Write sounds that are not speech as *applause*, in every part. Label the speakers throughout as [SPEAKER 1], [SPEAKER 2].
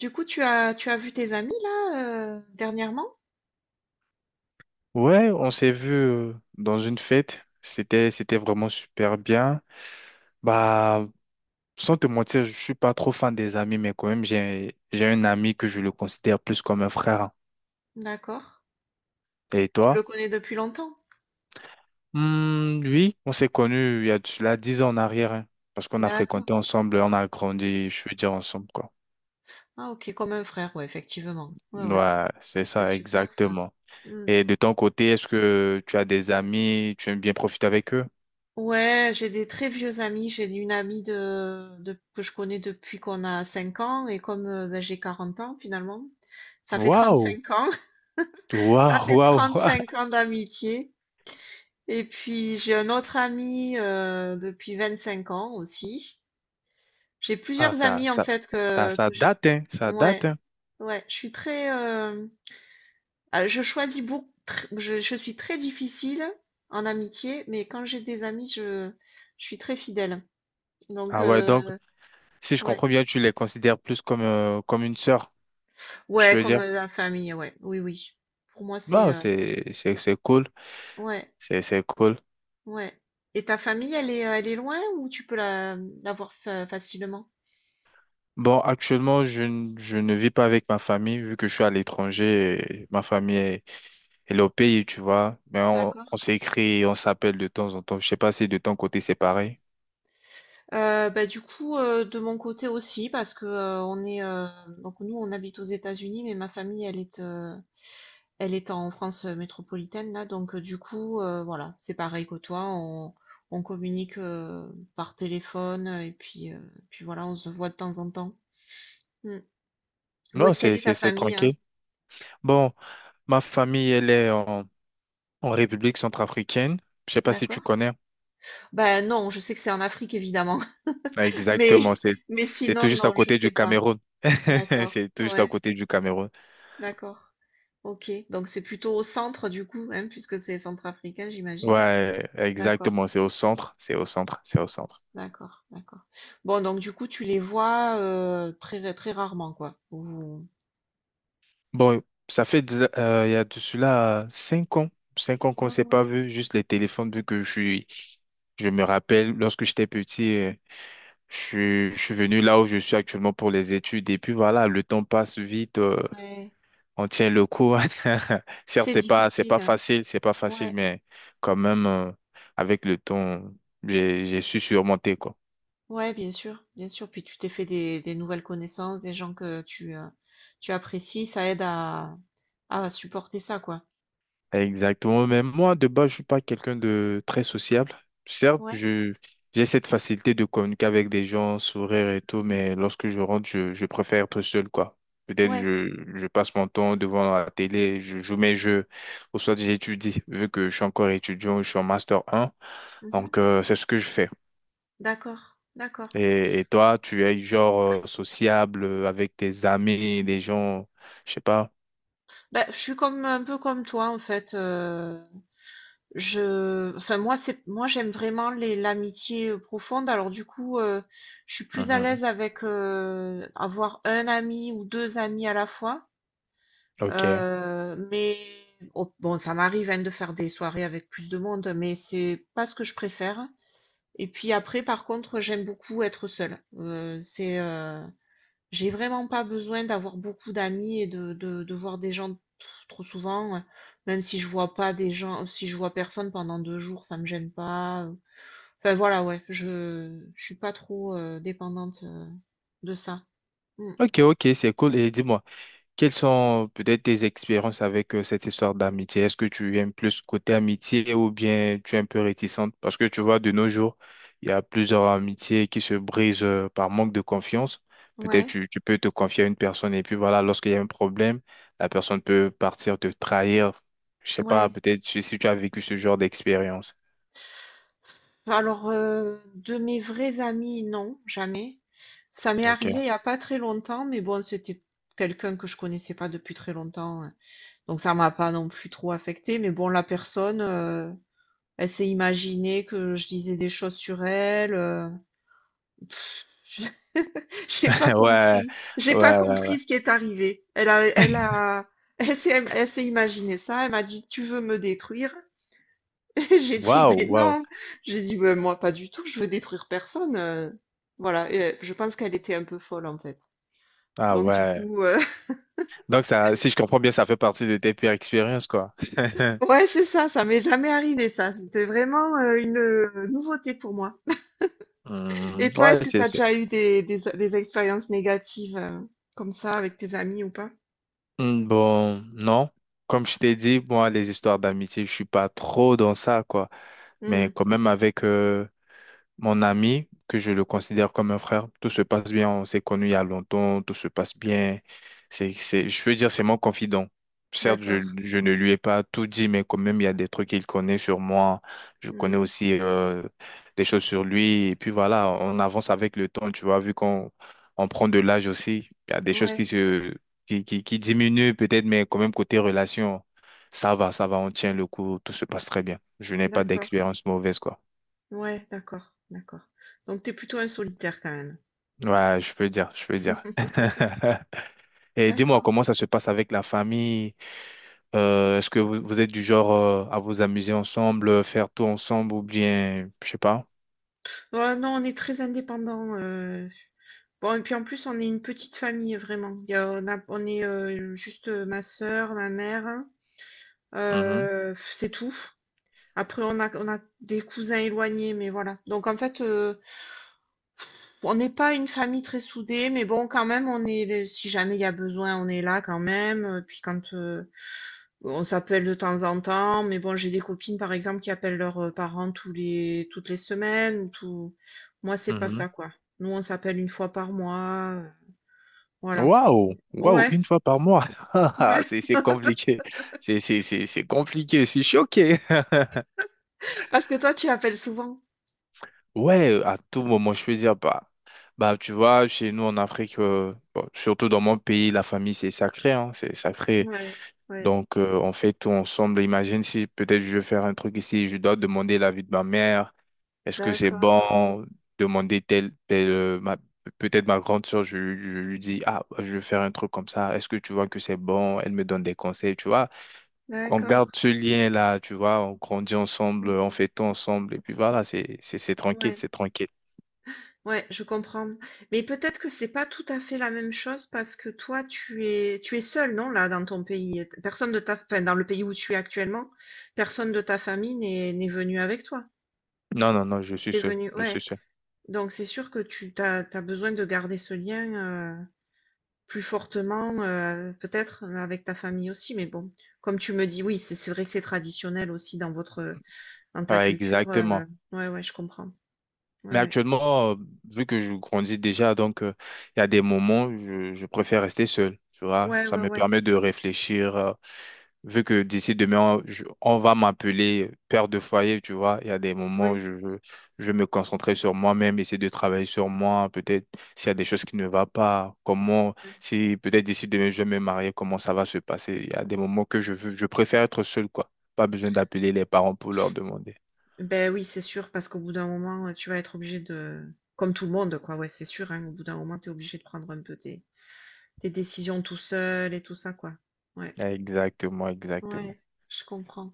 [SPEAKER 1] Du coup, tu as vu tes amis là, dernièrement?
[SPEAKER 2] Ouais, on s'est vu dans une fête. C'était vraiment super bien. Bah, sans te mentir, je suis pas trop fan des amis, mais quand même, j'ai un ami que je le considère plus comme un frère, hein.
[SPEAKER 1] D'accord.
[SPEAKER 2] Et
[SPEAKER 1] Tu
[SPEAKER 2] toi?
[SPEAKER 1] le connais depuis longtemps?
[SPEAKER 2] Hmm, oui, on s'est connus il y a de cela 10 ans en arrière, hein, parce qu'on a
[SPEAKER 1] D'accord.
[SPEAKER 2] fréquenté ensemble, on a grandi, je veux dire ensemble, quoi.
[SPEAKER 1] Ah OK, comme un frère, ouais, effectivement. Ouais, ouais,
[SPEAKER 2] Ouais, c'est
[SPEAKER 1] c'est
[SPEAKER 2] ça,
[SPEAKER 1] super ça.
[SPEAKER 2] exactement.
[SPEAKER 1] Mmh.
[SPEAKER 2] Et de ton côté, est-ce que tu as des amis, tu aimes bien profiter avec eux?
[SPEAKER 1] Ouais, j'ai des très vieux amis. J'ai une amie de que je connais depuis qu'on a 5 ans et comme, bah, j'ai 40 ans finalement, ça fait trente
[SPEAKER 2] Waouh!
[SPEAKER 1] cinq ans. *laughs* Ça
[SPEAKER 2] Waouh,
[SPEAKER 1] fait
[SPEAKER 2] waouh!
[SPEAKER 1] trente
[SPEAKER 2] *laughs*
[SPEAKER 1] cinq ans d'amitié et puis j'ai un autre ami, depuis 5 ans aussi. J'ai
[SPEAKER 2] Ah,
[SPEAKER 1] plusieurs
[SPEAKER 2] ça,
[SPEAKER 1] amis en
[SPEAKER 2] ça,
[SPEAKER 1] fait
[SPEAKER 2] ça,
[SPEAKER 1] que,
[SPEAKER 2] ça
[SPEAKER 1] que j'ai.
[SPEAKER 2] date, hein, ça
[SPEAKER 1] Ouais,
[SPEAKER 2] date, hein.
[SPEAKER 1] ouais, je suis très, ah, je choisis beaucoup. Je suis très difficile en amitié, mais quand j'ai des amis, je suis très fidèle. Donc,
[SPEAKER 2] Ah ouais, donc, si je
[SPEAKER 1] ouais,
[SPEAKER 2] comprends bien, tu les considères plus comme, comme une sœur, je
[SPEAKER 1] ouais,
[SPEAKER 2] veux
[SPEAKER 1] comme
[SPEAKER 2] dire.
[SPEAKER 1] la famille, ouais, oui, oui. Pour moi,
[SPEAKER 2] Bah, c'est cool,
[SPEAKER 1] ouais,
[SPEAKER 2] c'est cool.
[SPEAKER 1] ouais. Et ta famille, elle est loin ou tu peux la voir facilement?
[SPEAKER 2] Bon, actuellement, je ne vis pas avec ma famille, vu que je suis à l'étranger, et elle est au pays, tu vois. Mais on
[SPEAKER 1] D'accord.
[SPEAKER 2] s'écrit, on s'appelle de temps en temps. Je sais pas si de ton côté, c'est pareil.
[SPEAKER 1] Bah, du coup, de mon côté aussi parce que, on est, donc nous, on habite aux États-Unis, mais ma famille, elle est en France, métropolitaine là, donc du coup, voilà, c'est pareil que toi, on communique, par téléphone, et puis voilà, on se voit de temps en temps. Mmh. Où
[SPEAKER 2] Non,
[SPEAKER 1] est-ce qu'elle
[SPEAKER 2] c'est,
[SPEAKER 1] est ta
[SPEAKER 2] c'est, c'est
[SPEAKER 1] famille, hein?
[SPEAKER 2] tranquille. Bon, ma famille, elle est en République centrafricaine. Je sais pas si
[SPEAKER 1] D'accord.
[SPEAKER 2] tu connais.
[SPEAKER 1] Bah, non, je sais que c'est en Afrique évidemment,
[SPEAKER 2] Ah,
[SPEAKER 1] *laughs* mais
[SPEAKER 2] exactement, c'est,
[SPEAKER 1] mais
[SPEAKER 2] c'est tout
[SPEAKER 1] sinon
[SPEAKER 2] juste à
[SPEAKER 1] non, je
[SPEAKER 2] côté du
[SPEAKER 1] sais pas.
[SPEAKER 2] Cameroun. *laughs*
[SPEAKER 1] D'accord.
[SPEAKER 2] C'est tout juste à
[SPEAKER 1] Ouais,
[SPEAKER 2] côté du Cameroun.
[SPEAKER 1] d'accord. OK, donc c'est plutôt au centre du coup, hein, puisque c'est centrafricain, j'imagine.
[SPEAKER 2] Ouais,
[SPEAKER 1] D'accord,
[SPEAKER 2] exactement, c'est au centre, c'est au centre, c'est au centre.
[SPEAKER 1] d'accord, d'accord. Bon, donc du coup, tu les vois très très rarement, quoi.
[SPEAKER 2] Bon, il y a de cela 5 ans, 5 ans qu'on ne
[SPEAKER 1] Ouais,
[SPEAKER 2] s'est pas
[SPEAKER 1] ouais,
[SPEAKER 2] vu, juste les téléphones, vu que je suis, je me rappelle lorsque j'étais petit, je suis venu là où je suis actuellement pour les études, et puis voilà, le temps passe vite,
[SPEAKER 1] ouais.
[SPEAKER 2] on tient le coup. *laughs* Certes,
[SPEAKER 1] C'est difficile, hein.
[SPEAKER 2] c'est pas facile,
[SPEAKER 1] Ouais,
[SPEAKER 2] mais quand même, avec le temps, j'ai su surmonter, quoi.
[SPEAKER 1] ouais, bien sûr, bien sûr. Puis tu t'es fait des nouvelles connaissances, des gens que tu apprécies, ça aide à supporter ça, quoi.
[SPEAKER 2] Exactement. Mais moi, de base, je suis pas quelqu'un de très sociable. Certes,
[SPEAKER 1] Ouais,
[SPEAKER 2] j'ai cette facilité de communiquer avec des gens, sourire et tout, mais lorsque je rentre, je préfère être seul, quoi. Peut-être
[SPEAKER 1] ouais.
[SPEAKER 2] je passe mon temps devant la télé, je joue mes jeux, ou soit j'étudie, vu que je suis encore étudiant, je suis en master un.
[SPEAKER 1] Mhm.
[SPEAKER 2] Donc, c'est ce que je fais.
[SPEAKER 1] D'accord, d'accord.
[SPEAKER 2] Et toi, tu es genre sociable avec tes amis, des gens, je sais pas.
[SPEAKER 1] Bah, je suis comme un peu comme toi en fait. Enfin moi j'aime vraiment les l'amitié profonde. Alors du coup, je suis plus à
[SPEAKER 2] Mhm.
[SPEAKER 1] l'aise avec avoir un ami ou deux amis à la fois.
[SPEAKER 2] Ok.
[SPEAKER 1] Mais oh, bon, ça m'arrive, hein, de faire des soirées avec plus de monde, mais c'est pas ce que je préfère. Et puis après, par contre, j'aime beaucoup être seule. C'est J'ai vraiment pas besoin d'avoir beaucoup d'amis et de voir des gens trop souvent, même si je vois pas des gens, si je vois personne pendant 2 jours, ça me gêne pas. Enfin voilà, ouais, je suis pas trop dépendante de ça. Mm.
[SPEAKER 2] Ok, ok, c'est cool. Et dis-moi. Quelles sont peut-être tes expériences avec cette histoire d'amitié? Est-ce que tu aimes plus côté amitié ou bien tu es un peu réticente? Parce que tu vois, de nos jours, il y a plusieurs amitiés qui se brisent par manque de confiance. Peut-être
[SPEAKER 1] Ouais,
[SPEAKER 2] tu peux te confier à une personne et puis voilà, lorsqu'il y a un problème, la personne peut partir te trahir. Je sais pas,
[SPEAKER 1] ouais.
[SPEAKER 2] peut-être si tu as vécu ce genre d'expérience.
[SPEAKER 1] Alors, de mes vrais amis, non, jamais. Ça m'est
[SPEAKER 2] Ok.
[SPEAKER 1] arrivé il n'y a pas très longtemps, mais bon, c'était quelqu'un que je connaissais pas depuis très longtemps, hein. Donc ça m'a pas non plus trop affecté. Mais bon, la personne, elle s'est imaginée que je disais des choses sur elle. Pff, je- *laughs* j'ai pas
[SPEAKER 2] *laughs* Ouais,
[SPEAKER 1] compris, j'ai pas
[SPEAKER 2] ouais, ouais.
[SPEAKER 1] compris ce qui est arrivé. *laughs* Elle s'est imaginé ça. Elle m'a dit, tu veux me détruire? *laughs* J'ai dit,
[SPEAKER 2] Waouh,
[SPEAKER 1] mais
[SPEAKER 2] waouh.
[SPEAKER 1] non, j'ai dit, mais moi pas du tout, je veux détruire personne. Voilà, et, je pense qu'elle était un peu folle en fait.
[SPEAKER 2] Ah
[SPEAKER 1] Donc du
[SPEAKER 2] ouais.
[SPEAKER 1] coup,
[SPEAKER 2] Donc ça, si je comprends bien, ça fait partie de tes pires expériences, quoi. *laughs*
[SPEAKER 1] *laughs* ouais, c'est ça, ça m'est jamais arrivé ça. C'était vraiment une nouveauté pour moi.
[SPEAKER 2] Hmm,
[SPEAKER 1] Et toi, est-ce
[SPEAKER 2] ouais,
[SPEAKER 1] que tu as déjà eu des expériences négatives comme ça avec tes amis ou pas?
[SPEAKER 2] Bon, non. Comme je t'ai dit, moi, les histoires d'amitié, je suis pas trop dans ça, quoi. Mais
[SPEAKER 1] Hmm,
[SPEAKER 2] quand même, mon ami, que je le considère comme un frère, tout se passe bien, on s'est connus il y a longtemps, tout se passe bien. Je veux dire, c'est mon confident. Certes, je,
[SPEAKER 1] d'accord.
[SPEAKER 2] je ne lui ai pas tout dit, mais quand même, il y a des trucs qu'il connaît sur moi. Je connais
[SPEAKER 1] Hmm,
[SPEAKER 2] aussi des choses sur lui. Et puis voilà, on avance avec le temps, tu vois, vu qu'on on prend de l'âge aussi. Il y a des choses qui
[SPEAKER 1] ouais,
[SPEAKER 2] se, qui diminuent peut-être, mais quand même, côté relation, ça va, on tient le coup, tout se passe très bien. Je n'ai pas
[SPEAKER 1] d'accord.
[SPEAKER 2] d'expérience mauvaise, quoi.
[SPEAKER 1] Ouais, d'accord, d'accord. Donc t'es plutôt un solitaire quand même.
[SPEAKER 2] Ouais, je peux dire, je peux dire.
[SPEAKER 1] *laughs*
[SPEAKER 2] *laughs* Et dis-moi,
[SPEAKER 1] D'accord.
[SPEAKER 2] comment ça se passe avec la famille? Est-ce que vous êtes du genre à vous amuser ensemble, faire tout ensemble ou bien, je sais pas.
[SPEAKER 1] Ouais, non, on est très indépendant. Bon, et puis en plus, on est une petite famille, vraiment. On est juste ma sœur, ma mère, hein.
[SPEAKER 2] Mhm,
[SPEAKER 1] C'est tout. Après, on a des cousins éloignés, mais voilà. Donc en fait, on n'est pas une famille très soudée, mais bon, quand même, si jamais il y a besoin, on est là quand même. Puis quand on s'appelle de temps en temps, mais bon, j'ai des copines, par exemple, qui appellent leurs parents toutes les semaines. Moi, c'est pas
[SPEAKER 2] mhm.
[SPEAKER 1] ça, quoi. Nous, on s'appelle une fois par mois. Voilà.
[SPEAKER 2] Waouh, waouh,
[SPEAKER 1] Ouais.
[SPEAKER 2] une fois par mois. *laughs*
[SPEAKER 1] Ouais.
[SPEAKER 2] C'est compliqué. C'est compliqué. Je suis choqué. *laughs*
[SPEAKER 1] Parce que toi, tu appelles souvent?
[SPEAKER 2] Ouais, à tout moment, je peux dire, bah, tu vois, chez nous en Afrique, bon, surtout dans mon pays, la famille, c'est sacré, hein, c'est sacré.
[SPEAKER 1] Ouais, ouais,
[SPEAKER 2] Donc, on fait tout ensemble. Imagine si peut-être je veux faire un truc ici, je dois demander l'avis de ma mère. Est-ce que c'est
[SPEAKER 1] d'accord,
[SPEAKER 2] bon? Demander tel, tel, peut-être ma grande soeur, je lui dis, ah, je veux faire un truc comme ça. Est-ce que tu vois que c'est bon? Elle me donne des conseils, tu vois. On
[SPEAKER 1] d'accord.
[SPEAKER 2] garde ce lien-là, tu vois. On grandit ensemble, on
[SPEAKER 1] Mhm.
[SPEAKER 2] fait tout ensemble. Et puis voilà, c'est tranquille,
[SPEAKER 1] Ouais,
[SPEAKER 2] c'est tranquille.
[SPEAKER 1] ouais, je comprends. Mais peut-être que c'est pas tout à fait la même chose parce que toi, tu es seul, non, là, dans ton pays. Personne de ta, enfin, dans le pays où tu es actuellement, personne de ta famille n'est venu avec toi.
[SPEAKER 2] Non, non, non, je suis
[SPEAKER 1] T'es
[SPEAKER 2] seul,
[SPEAKER 1] venu,
[SPEAKER 2] je suis
[SPEAKER 1] ouais.
[SPEAKER 2] seul.
[SPEAKER 1] Donc c'est sûr que t'as besoin de garder ce lien plus fortement, peut-être avec ta famille aussi. Mais bon, comme tu me dis, oui, c'est vrai que c'est traditionnel aussi dans ta
[SPEAKER 2] Ouais,
[SPEAKER 1] culture,
[SPEAKER 2] exactement.
[SPEAKER 1] ouais, ouais, je comprends. Ouais,
[SPEAKER 2] Mais
[SPEAKER 1] ouais.
[SPEAKER 2] actuellement, vu que je grandis déjà, donc il y a des moments où je préfère rester seul. Tu vois,
[SPEAKER 1] Ouais,
[SPEAKER 2] ça
[SPEAKER 1] ouais,
[SPEAKER 2] me
[SPEAKER 1] ouais,
[SPEAKER 2] permet de réfléchir. Vu que d'ici demain, on va m'appeler père de foyer, tu vois, il y a des moments où
[SPEAKER 1] ouais,
[SPEAKER 2] je vais me concentrer sur moi-même, essayer de travailler sur moi. Peut-être s'il y a des choses qui ne vont pas, comment,
[SPEAKER 1] ouais.
[SPEAKER 2] si peut-être d'ici demain je vais me marier, comment ça va se passer. Il y a des moments je préfère être seul, quoi. Pas besoin d'appeler les parents pour leur demander.
[SPEAKER 1] Beh, oui, c'est sûr, parce qu'au bout d'un moment, tu vas être obligé de comme tout le monde, quoi, ouais, c'est sûr, hein, au bout d'un moment, t'es obligé de prendre un peu tes décisions tout seul et tout ça, quoi. Ouais,
[SPEAKER 2] Exactement, exactement.
[SPEAKER 1] ouais, je comprends.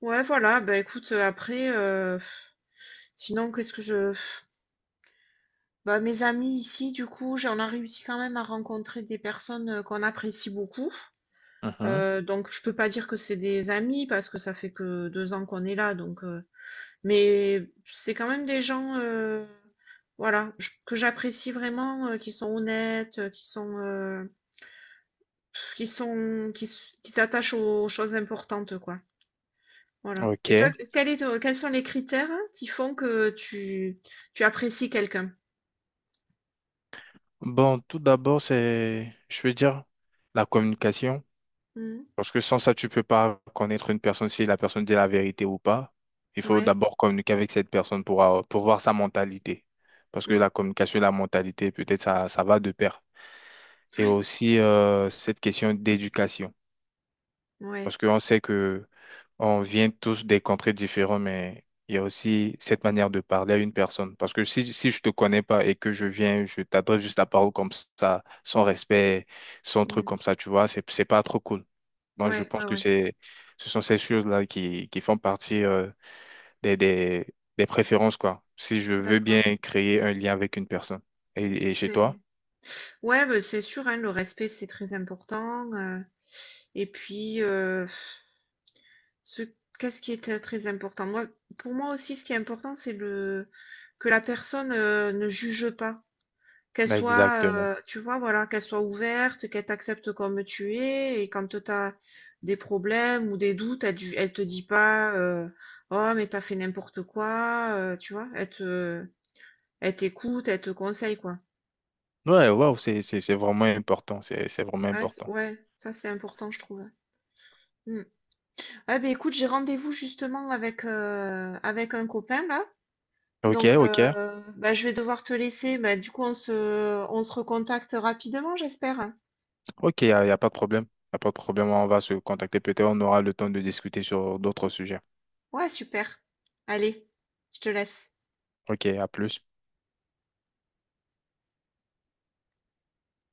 [SPEAKER 1] Ouais, voilà, Ben écoute, après, sinon qu'est-ce que je bah, mes amis ici, du coup, j'en a réussi quand même à rencontrer des personnes, qu'on apprécie beaucoup.
[SPEAKER 2] Mhm.
[SPEAKER 1] Donc je peux pas dire que c'est des amis parce que ça fait que 2 ans qu'on est là donc mais c'est quand même des gens, voilà, j que j'apprécie vraiment, qui sont honnêtes, qui s'attachent aux choses importantes, quoi. Voilà et toi,
[SPEAKER 2] Ok.
[SPEAKER 1] quel est te quels sont les critères qui font que tu apprécies quelqu'un?
[SPEAKER 2] Bon, tout d'abord, c'est, je veux dire, la communication.
[SPEAKER 1] Mmh.
[SPEAKER 2] Parce que sans ça, tu peux pas connaître une personne si la personne dit la vérité ou pas. Il faut
[SPEAKER 1] Ouais.
[SPEAKER 2] d'abord communiquer avec cette personne pour voir sa mentalité. Parce que
[SPEAKER 1] Mmh.
[SPEAKER 2] la communication et la mentalité, peut-être, ça va de pair. Et
[SPEAKER 1] Ouais.
[SPEAKER 2] aussi, cette question d'éducation.
[SPEAKER 1] Ouais.
[SPEAKER 2] Parce qu'on sait que on vient tous des contrées différents mais il y a aussi cette manière de parler à une personne. Parce que si je te connais pas et que je viens, je t'adresse juste la parole comme ça, sans respect, sans truc
[SPEAKER 1] Mmh.
[SPEAKER 2] comme ça, tu vois, c'est pas trop cool. Moi, je
[SPEAKER 1] Ouais,
[SPEAKER 2] pense
[SPEAKER 1] ouais,
[SPEAKER 2] que
[SPEAKER 1] ouais.
[SPEAKER 2] ce sont ces choses-là qui font partie, des, des, des préférences, quoi. Si je veux
[SPEAKER 1] D'accord.
[SPEAKER 2] bien créer un lien avec une personne. Et chez
[SPEAKER 1] C'est
[SPEAKER 2] toi?
[SPEAKER 1] Ouais, ben, c'est sûr, hein, le respect, c'est très important. Et puis, ce, qu'est-ce qui est très important? Moi, pour moi aussi, ce qui est important, que la personne ne juge pas. Qu'elle soit,
[SPEAKER 2] Exactement.
[SPEAKER 1] tu vois, voilà, qu'elle soit ouverte, qu'elle t'accepte comme tu es. Et quand tu as des problèmes ou des doutes, elle te dit pas, oh, mais t'as fait n'importe quoi, tu vois, elle t'écoute, elle te conseille, quoi.
[SPEAKER 2] Ouais, wow, c'est vraiment important. C'est vraiment
[SPEAKER 1] Ouais,
[SPEAKER 2] important.
[SPEAKER 1] ouais, ça, c'est important, je trouve, hein. Mm. Ah ben écoute, j'ai rendez-vous justement avec un copain là.
[SPEAKER 2] Ok,
[SPEAKER 1] Donc
[SPEAKER 2] ok.
[SPEAKER 1] bah, je vais devoir te laisser. Bah, du coup, on se recontacte rapidement, j'espère.
[SPEAKER 2] Ok, y a pas de problème. Il a pas de problème. On va se contacter. Peut-être on aura le temps de discuter sur d'autres sujets.
[SPEAKER 1] Ouais, super. Allez, je te laisse.
[SPEAKER 2] Ok, à plus.